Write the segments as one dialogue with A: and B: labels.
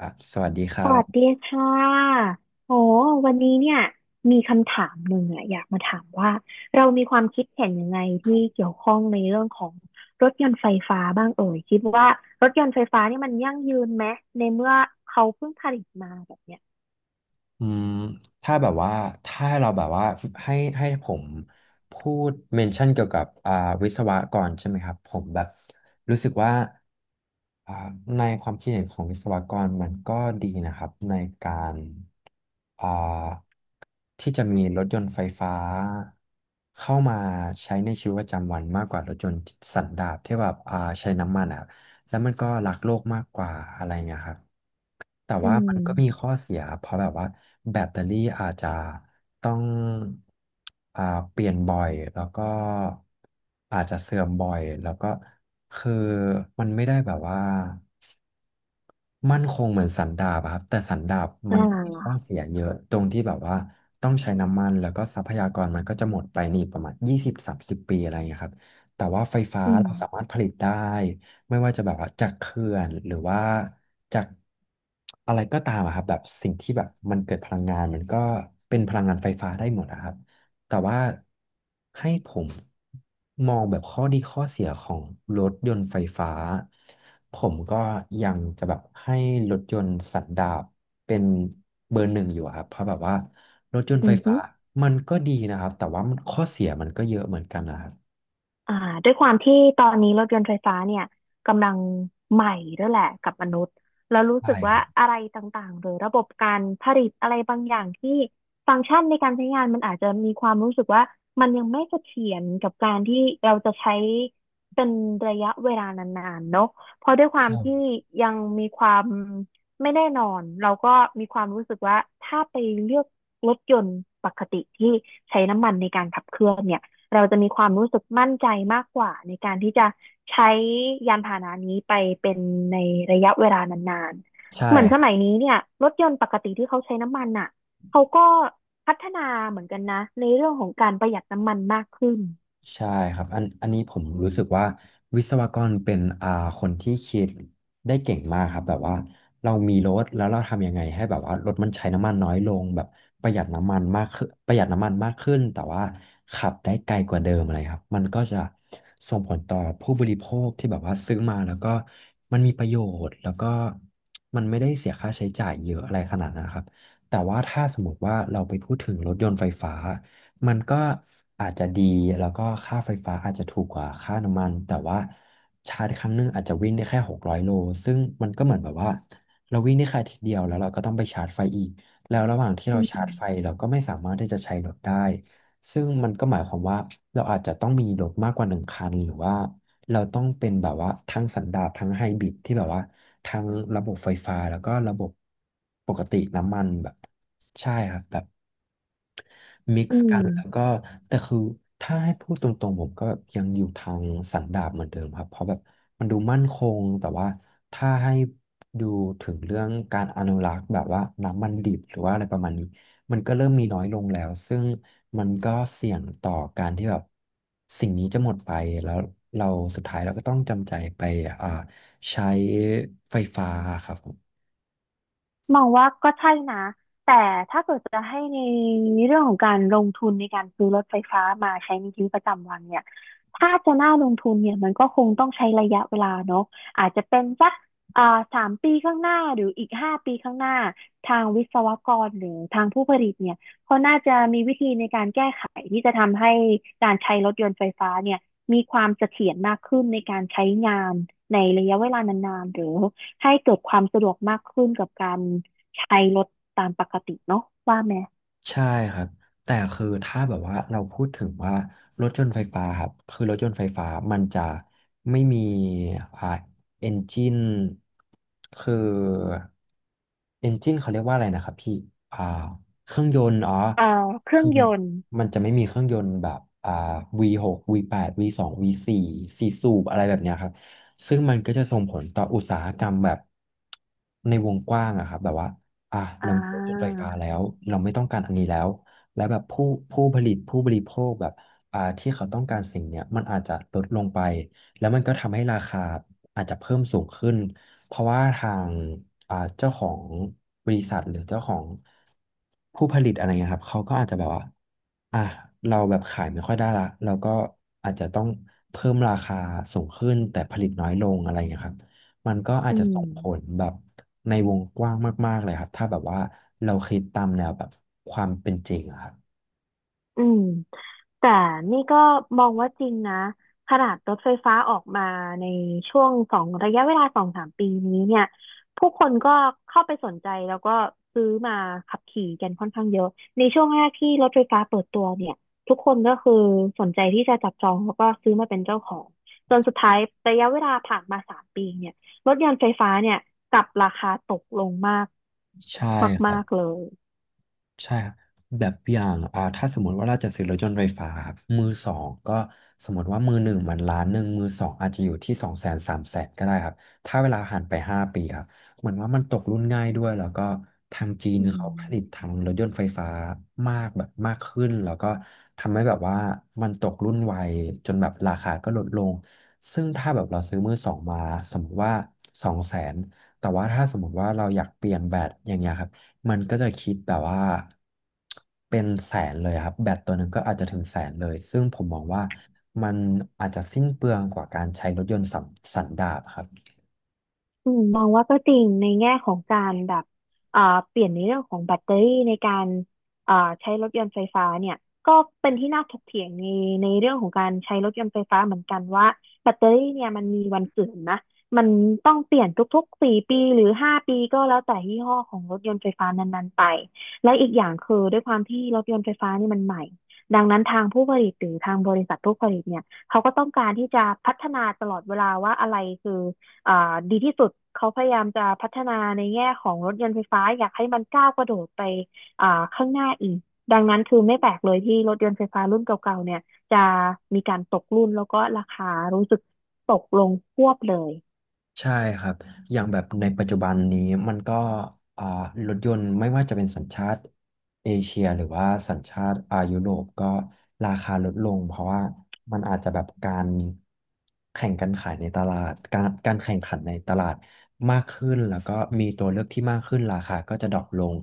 A: อ่ะสวัสดีค
B: ส
A: รั
B: วัส
A: บ
B: ดีค่ะโอ้วันนี้เนี่ยมีคำถามหนึ่งอะอยากมาถามว่าเรามีความคิดเห็นยังไงที่เกี่ยวข้องในเรื่องของรถยนต์ไฟฟ้าบ้างเอ่ยคิดว่ารถยนต์ไฟฟ้าเนี่ยมันยั่งยืนไหมในเมื่อเขาเพิ่งผลิตมาแบบเนี้ย
A: อืมถ้าแบบว่าถ้าเราแบบว่าให้ผมพูดเมนชั่นเกี่ยวกับวิศวะก่อนใช่ไหมครับผมแบบรู้สึกว่าอ่าในความคิดเห็นของวิศวกรมันก็ดีนะครับในการอ่าที่จะมีรถยนต์ไฟฟ้าเข้ามาใช้ในชีวิตประจำวันมากกว่ารถยนต์สันดาปที่แบบใช้น้ำมันอ่ะ แล้วมันก็รักโลกมากกว่าอะไรเงี้ยครับแต่
B: อื
A: ว่ามันก็มี
B: ม
A: ข้อเสียเพราะแบบว่าแบตเตอรี่อาจจะต้องอ่าเปลี่ยนบ่อยแล้วก็อาจจะเสื่อมบ่อยแล้วก็คือมันไม่ได้แบบว่ามั่นคงเหมือนสันดาบอะครับแต่สันดาบ
B: อ่
A: มันมีข้อ
B: า
A: เสียเยอะตรงที่แบบว่าต้องใช้น้ำมันแล้วก็ทรัพยากรมันก็จะหมดไปนี่ประมาณยี่สิบสามสิบปีอะไรอย่างเงี้ยครับแต่ว่าไฟฟ้า
B: อืม
A: เราสามารถผลิตได้ ไม่ว่าจะแบบว่าจากเขื่อนหรือว่าจากอะไรก็ตามอะครับแบบสิ่งที่แบบมันเกิดพลังงานมันก็เป็นพลังงานไฟฟ้าได้หมดอะครับแต่ว่าให้ผมมองแบบข้อดีข้อเสียของรถยนต์ไฟฟ้าผมก็ยังจะแบบให้รถยนต์สันดาปเป็นเบอร์หนึ่งอยู่อะครับเพราะแบบว่ารถยนต์
B: อื
A: ไฟฟ้า
B: ม
A: มันก็ดีนะครับแต่ว่ามันข้อเสียมันก็เยอะเหมือนกันนะครับ
B: อ่าด้วยความที่ตอนนี้รถยนต์ไฟฟ้าเนี่ยกำลังใหม่ด้วยแหละกับมนุษย์แล้วรู้สึ
A: ใช่
B: ก
A: ค
B: ว่า
A: รับ
B: อะไรต่างๆหรือระบบการผลิตอะไรบางอย่างที่ฟังก์ชันในการใช้งานมันอาจจะมีความรู้สึกว่ามันยังไม่เสถียรกับการที่เราจะใช้เป็นระยะเวลานานๆเนอะเพราะด้วยความ
A: ใช่
B: ที่ยังมีความไม่แน่นอนเราก็มีความรู้สึกว่าถ้าไปเลือกรถยนต์ปกติที่ใช้น้ำมันในการขับเคลื่อนเนี่ย เราจะมีความรู้สึกมั่นใจมากกว่าในการที่จะใช้ยานพาหนะนี้ไปเป็นในระยะเวลานานๆ
A: ใช่
B: เหมือนสมัยนี้เนี่ยรถยนต์ปกติที่เขาใช้น้ำมันอ่ะเขาก็พัฒนาเหมือนกันนะในเรื่องของการประหยัดน้ำมันมากขึ้น
A: ใช่ครับอันนี้ผมรู้สึกว่าวิศวกรเป็นคนที่คิดได้เก่งมากครับแบบว่าเรามีรถแล้วเราทำยังไงให้แบบว่ารถมันใช้น้ำมันน้อยลงแบบประหยัดน้ำมันมากขึ้นประหยัดน้ำมันมากขึ้นแต่ว่าขับได้ไกลกว่าเดิมอะไรครับมันก็จะส่งผลต่อผู้บริโภคที่แบบว่าซื้อมาแล้วก็มันมีประโยชน์แล้วก็มันไม่ได้เสียค่าใช้จ่ายเยอะอะไรขนาดนั้นครับแต่ว่าถ้าสมมติว่าเราไปพูดถึงรถยนต์ไฟฟ้า มันก็อาจจะดีแล้วก็ค่าไฟฟ้าอาจจะถูกกว่าค่าน้ำมันแต่ว่าชาร์จครั้งหนึงอาจจะวิ่งได้แค่หกร้อยโลซึ่งมันก็เหมือนแบบว่าเราวิ่งได้แค่อาทิตย์เดียวแล้วเราก็ต้องไปชาร์จไฟอีกแล้วระหว่างที่
B: อื
A: เราชาร์จไฟ
B: ม
A: เราก็ไม่สามารถที่จะใช้รถได้ซึ่งมันก็หมายความว่าเราอาจจะต้องมีรถมากกว่าหนึ่งคันหรือว่าเราต้องเป็นแบบว่าทั้งสันดาปทั้งไฮบริดที่แบบว่าทั้งระบบไฟฟ้าแล้วก็ระบบปกติน้ำมันแบบใช่ครับแบบ มิก
B: อื
A: ซ์กั
B: ม
A: นแล้วก็แต่คือถ้าให้พูดตรงๆผมก็ยังอยู่ทางสันดาปเหมือนเดิมครับเพราะแบบมันดูมั่นคงแต่ว่าถ้าให้ดูถึงเรื่องการอนุรักษ์แบบว่าน้ำมันดิบหรือว่าอะไรประมาณนี้มันก็เริ่มมีน้อยลงแล้วซึ่งมันก็เสี่ยงต่อการที่แบบสิ่งนี้จะหมดไปแล้วเราสุดท้ายเราก็ต้องจำใจไปอ่าใช้ไฟฟ้าครับผม
B: มองว่าก็ใช่นะ แต่ถ้าเกิดจะให้ในเรื่องของการลงทุนในการซื้อรถไฟฟ้ามาใช้ในชีวิตประจำวันเนี่ยถ้าจะน่าลงทุนเนี่ยมันก็คงต้องใช้ระยะเวลาเนาะอาจจะเป็นสักอ่าสามปีข้างหน้าหรืออีกห้าปีข้างหน้าทางวิศวกรหรือทางผู้ผลิตเนี่ยเขาน่าจะมีวิธีในการแก้ไขที่จะทำให้การใช้รถยนต์ไฟฟ้าเนี่ยมีความเสถียรมากขึ้นในการใช้งานในระยะเวลานานๆหรือ ให้เกิดความสะดวกมากขึ้นกับการใช้รถตามปกติเนาะว่าไหม
A: ใช่ครับแต่คือถ้าแบบว่าเราพูดถึงว่ารถยนต์ไฟฟ้าครับคือรถยนต์ไฟฟ้ามันจะไม่มีอ่าเอนจินคือเอนจินเขาเรียกว่าอะไรนะครับพี่อ่าเครื่องยนต์อ๋อ
B: เอ่อเครื่อ
A: คื
B: ง
A: อ
B: ยนต์
A: มันจะไม่มีเครื่องยนต์แบบV6 V8 V2 V4 สองวีสี่สสูบอะไรแบบเนี้ยครับซึ่งมันก็จะส่งผลต่ออุตสาหกรรมแบบในวงกว้างอะครับแบบว่า อ่ะ
B: อ่
A: เรามีรถยนต์ไฟ
B: า
A: ฟ้าแล้วเราไม่ต้องการอันนี้แล้วและแบบผู้ผลิตผู้บริโภคแบบที่เขาต้องการสิ่งเนี้ยมันอาจจะลดลงไปแล้วมันก็ทำให้ราคาอาจจะเพิ่มสูงขึ้นเพราะว่าทางเจ้าของบริษัทหรือเจ้าของผู้ผลิตอะไรเงี้ยครับเขาก็อาจจะแบบว่าอ่ะเราแบบขายไม่ค่อยได้ละเราก็อาจจะต้องเพิ่มราคาสูงขึ้นแต่ผลิตน้อยลงอะไรเงี้ยครับ มันก็อาจ
B: อื
A: จะ
B: ม
A: ส่งผลแบบในวงกว้างมากๆเลยครับถ้าแบบว่าเราคิดตามแนวแบบความเป็นจริงอะครับ
B: อืม แต่นี่ก็มองว่าจริงนะขนาดรถไฟฟ้าออกมาในช่วงสองระยะเวลาสองสามปีนี้เนี่ยผู้คนก็เข้าไปสนใจแล้วก็ซื้อมาขับขี่กันค่อนข้างเยอะในช่วงแรกที่รถไฟฟ้าเปิดตัวเนี่ยทุกคนก็คือสนใจที่จะจับจองแล้วก็ซื้อมาเป็นเจ้าของจนสุดท้ายระยะเวลาผ่านมาสามปีเนี่ยรถยนต์ไฟฟ้าเนี่ยกลับราคาตกลงมาก
A: ใช่ครั
B: มา
A: บ
B: กๆเลย
A: ใช่ครับแบบอย่างถ้าสมมติว่าเราจะซื้อรถยนต์ไฟฟ้าครับมือสองก็สมมติว่ามือหนึ่งมันล้านหนึ่งมือสองอาจจะอยู่ที่สองแสนสามแสนก็ได้ครับถ้าเวลาผ่านไป5 ปีครับเหมือนว่ามันตกรุ่นง่ายด้วยแล้วก็ทางจีน
B: อื
A: เขาผลิต
B: ม
A: ทางรถยนต์ไฟฟ้ามากแบบมากขึ้นแล้วก็ทำให้แบบว่ามันตกรุ่นไวจนแบบราคาก็ลดลงซึ่งถ้าแบบเราซื้อมือสองมาสมมติว่าสองแสนแต่ว่าถ้าสมมติว่าเราอยากเปลี่ยนแบตอย่างเงี้ยครับ มันก็จะคิดแบบว่าเป็นแสนเลยครับแบตตัวหนึ่งก็อาจจะถึงแสนเลยซึ่งผมมองว่ามันอาจจะสิ้นเปลืองกว่าการใช้รถยนต์สันสันดาปครับ
B: อืมมองว่าก็จริงในแง่ของการแบบเอ่อเปลี่ยนในเรื่องของแบตเตอรี่ในการเอ่อใช้รถยนต์ไฟฟ้าเนี่ยก็เป็นที่น่าถกเถียงในเรื่องของการใช้รถยนต์ไฟฟ้าเหมือนกันว่าแบตเตอรี่เนี่ยมันมีวันเสื่อมนะมันต้องเปลี่ยนทุกๆสี่ปีหรือห้าปีก็แล้วแต่ยี่ห้อของรถยนต์ไฟฟ้านั้นๆไปและอีกอย่างคือด้วยความที่รถยนต์ไฟฟ้านี่มันใหม่ดังนั้นทางผู้ผลิตหรือทางบริษัทผู้ผลิตเนี่ยเขาก็ต้องการที่จะพัฒนาตลอดเวลาว่าอะไรคือ อ่าดีที่สุดเขาพยายามจะพัฒนาในแง่ของรถยนต์ไฟฟ้าอยากให้มันก้าวกระโดดไปอ่าข้างหน้าอีกดังนั้นคือไม่แปลกเลยที่รถยนต์ไฟฟ้ารุ่นเก่าๆเนี่ยจะมีการตกรุ่นแล้วก็ราคารู้สึกตกลงควบเลย
A: ใช่ครับอย่างแบบในปัจจุบันนี้มันก็อ่ารถยนต์ไม่ว่าจะเป็นสัญชาติเอเชียหรือว่าสัญชาติอายุโรปก็ราคาลดลงเพราะว่ามันอาจจะแบบการแข่งกันขายในตลาดการแข่งขันในตลาดมากขึ้นแล้วก็มีตัวเลือกที่มากขึ้นราคาก็จะดรอปลง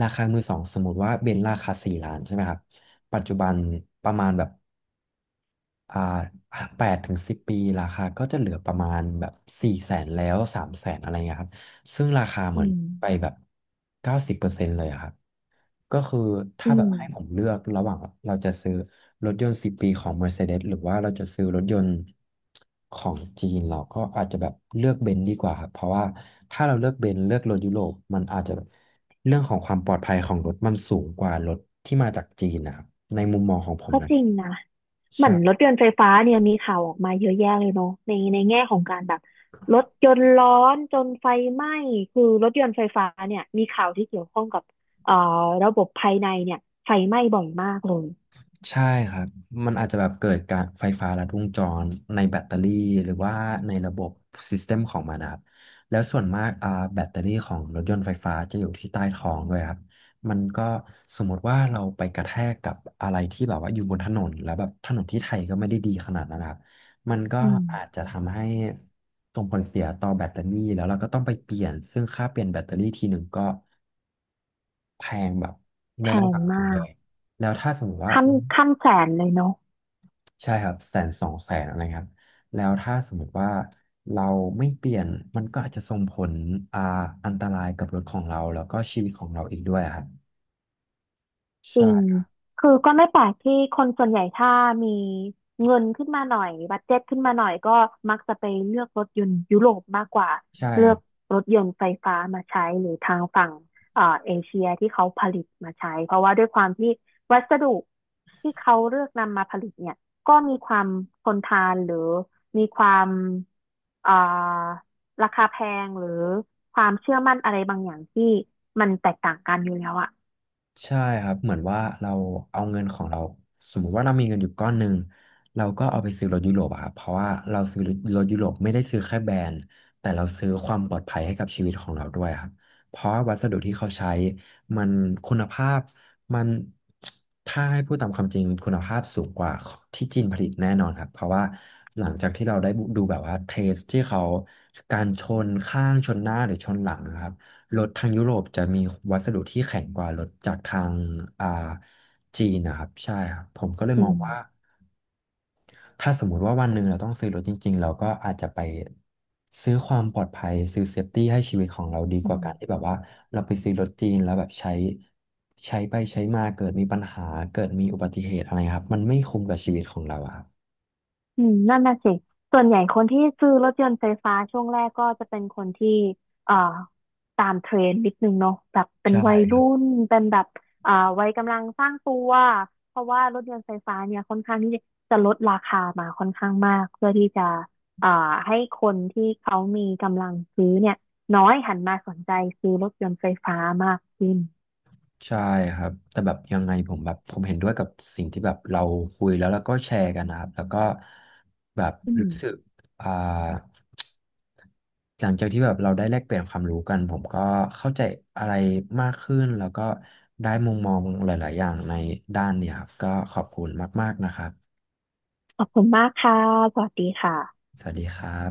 A: ราคามือสองสมมติว่าเบนซ์ราคา4 ล้านใช่ไหมครับปัจจุบันประมาณแบบ อ่า8 ถึง 10 ปีราคาก็จะเหลือประมาณแบบ400,000แล้วสามแสนอะไรเงี้ยครับซึ่งราคาเห
B: อื
A: มือน
B: ม
A: ไปแบบ90%เลยอะครับก็คือ
B: อื
A: ถ้าแบบ
B: ม
A: ให้ผมเลือกระหว่างเราจะซื้อรถยนต์สิบปีของ Mercedes หรือว่าเราจะซื้อรถยนต์ของจีนเราก็อาจจะแบบเลือกเบนซ์ดีกว่าครับเพราะว่าถ้าเราเลือกเบนซ์เลือกรถยุโรปมันอาจจะแบบเรื่องของความปลอดภัยของรถมันสูงกว่ารถที่มาจากจีนนะครับในมุมมองของผม
B: ก็
A: นะ
B: จริงนะ เหมือนรถ
A: ใช่
B: ยนต์ไฟฟ้าเนี่ยมีข่าวออกมาเยอะแยะเลยเนาะในแง่ของการแบบรถยนต์ร้อนจนไฟไหม้คือรถยนต์ไฟฟ้าเนี่ยมีข่าวที่เกี่ยวข้องกับเอ่อระบบภายในเนี่ยไฟไหม้บ่อยมากเลย
A: ใช่ครับมันอาจจะแบบเกิดการไฟฟ้าลัดวงจรในแบตเตอรี่หรือว่าในระบบซิสเต็มของมันนะครับแล้วส่วนมากแบตเตอรี่ของรถยนต์ไฟฟ้าจะอยู่ที่ใต้ท้องด้วยครับมันก็สมมติว่าเราไปกระแทกกับอะไรที่แบบว่าอยู่บนถนนแล้วแบบถนนที่ไทยก็ไม่ได้ดีขนาดนั้นนะครับมันก็
B: อืม
A: อาจจะทำให้ส่งผลเสียต่อแบตเตอรี่แล้วเราก็ต้องไปเปลี่ยนซึ่งค่าเปลี่ยนแบตเตอรี่ทีหนึ่งก็แพงแบบใน
B: แพ
A: ระ
B: ง
A: ดับห
B: มา
A: นึ่งเล
B: ก
A: ยแล้วถ้าสมมติว่า
B: ขั้นขั้นแสนเลยเนาะ
A: ใช่ครับ100,000200,000อะไรครับแล้วถ้าสมมติว่าเราไม่เปลี่ยนมันก็อาจจะส่งผลอ่าอันตรายกับรถของเราแล้วก็ชีวิตของเราอีกด้วยอะครับ
B: จริ
A: ใช่
B: ง
A: ครับ
B: คือก็ไม่แปลกที่คนส่วนใหญ่ถ้ามีเงินขึ้นมาหน่อยบัดเจ็ตขึ้นมาหน่อยก็มักจะไปเลือกรถยนต์ยุโรปมากกว่า
A: ใช่ค
B: เลือ
A: รั
B: ก
A: บ
B: รถยนต์ไฟฟ้ามาใช้หรือทางฝั่งเอเชียที่เขาผลิตมาใช้เพราะว่าด้วยความที่วัสดุที่เขาเลือกนำมาผลิตเนี่ยก็มีความทนทานหรือมีความเอ่อราคาแพงหรือความเชื่อมั่นอะไรบางอย่างที่มันแตกต่างกันอยู่แล้วอะ
A: ใช่ครับ เหมือนว่าเราเอาเงินของเราสมมุติว่าเรามีเงินอยู่ก้อนหนึ่งเราก็เอาไปซื้อรถยุโรปอะครับเพราะว่าเราซื้อรถยุโรปไม่ได้ซื้อแค่แบรนด์แต่เราซื้อความปลอดภัยให้กับชีวิตของเราด้วยครับเพราะว่าวัสดุที่เขาใช้มันคุณภาพมันถ้าให้พูดตามความจริงคุณภาพสูงกว่าที่จีนผลิตแน่นอนครับเพราะว่าหลังจากที่เราได้ดูแบบว่าเทสที่เขาการชนข้างชนหน้าหรือชนหลังนะครับ รถทางยุโรปจะมีวัสดุที่แข็งกว่ารถจากทางอ่าจีนนะครับใช่ครับผมก็เลย
B: อื
A: มองว่า
B: ม
A: ถ้าสมมุติว่าวันหนึ่งเราต้องซื้อรถจริงๆเราก็อาจจะไปซื้อความปลอดภัยซื้อเซฟตี้ให้ชีวิตของเราดี
B: อื
A: กว่า
B: ม
A: การที่แบบว่าเราไปซื้อรถจีนแล้วแบบใช้ไปใช้มาเกิดมีปัญหาเกิดมีอุบัติเหตุอะไรครับมันไม่คุ้มกับชีวิตของเราอะครับ
B: นั่นน่ะสิส่วนใหญ่คนที่ซื้อรถยนต์ไฟฟ้าช่วงแรกก็จะเป็นคนที่เอ่อตามเทรนด์นิดนึงเนาะแบบเป็น
A: ใช่
B: วัยรุ่นเป็นแบบเอ่อวัยกำลังสร้างตัวเพราะว่ารถยนต์ไฟฟ้าเนี่ยค่อนข้างที่จะลดราคามาค่อนข้างมากเพื่อที่จะเอ่อให้คนที่เขามีกำลังซื้อเนี่ยน้อยหันมาสนใจซื้อรถยนต์ไฟฟ้ามากขึ้น
A: ใช่ครับแต่แบบยังไงผมแบบผมเห็นด้วยกับสิ่งที่แบบเราคุยแล้วก็แชร์กันนะครับแล้วก็แบบ
B: อื
A: รู้
B: ม
A: สึกอ่าหลังจากที่แบบเราได้แลกเปลี่ยนความรู้กันผมก็เข้าใจอะไรมากขึ้นแล้วก็ได้มุมมองหลายๆอย่างในด้านเนี่ยครับก็ขอบคุณมากๆนะครับ
B: ขอบคุณมากค่ะสวัสดีค่ะ
A: สวัสดีครับ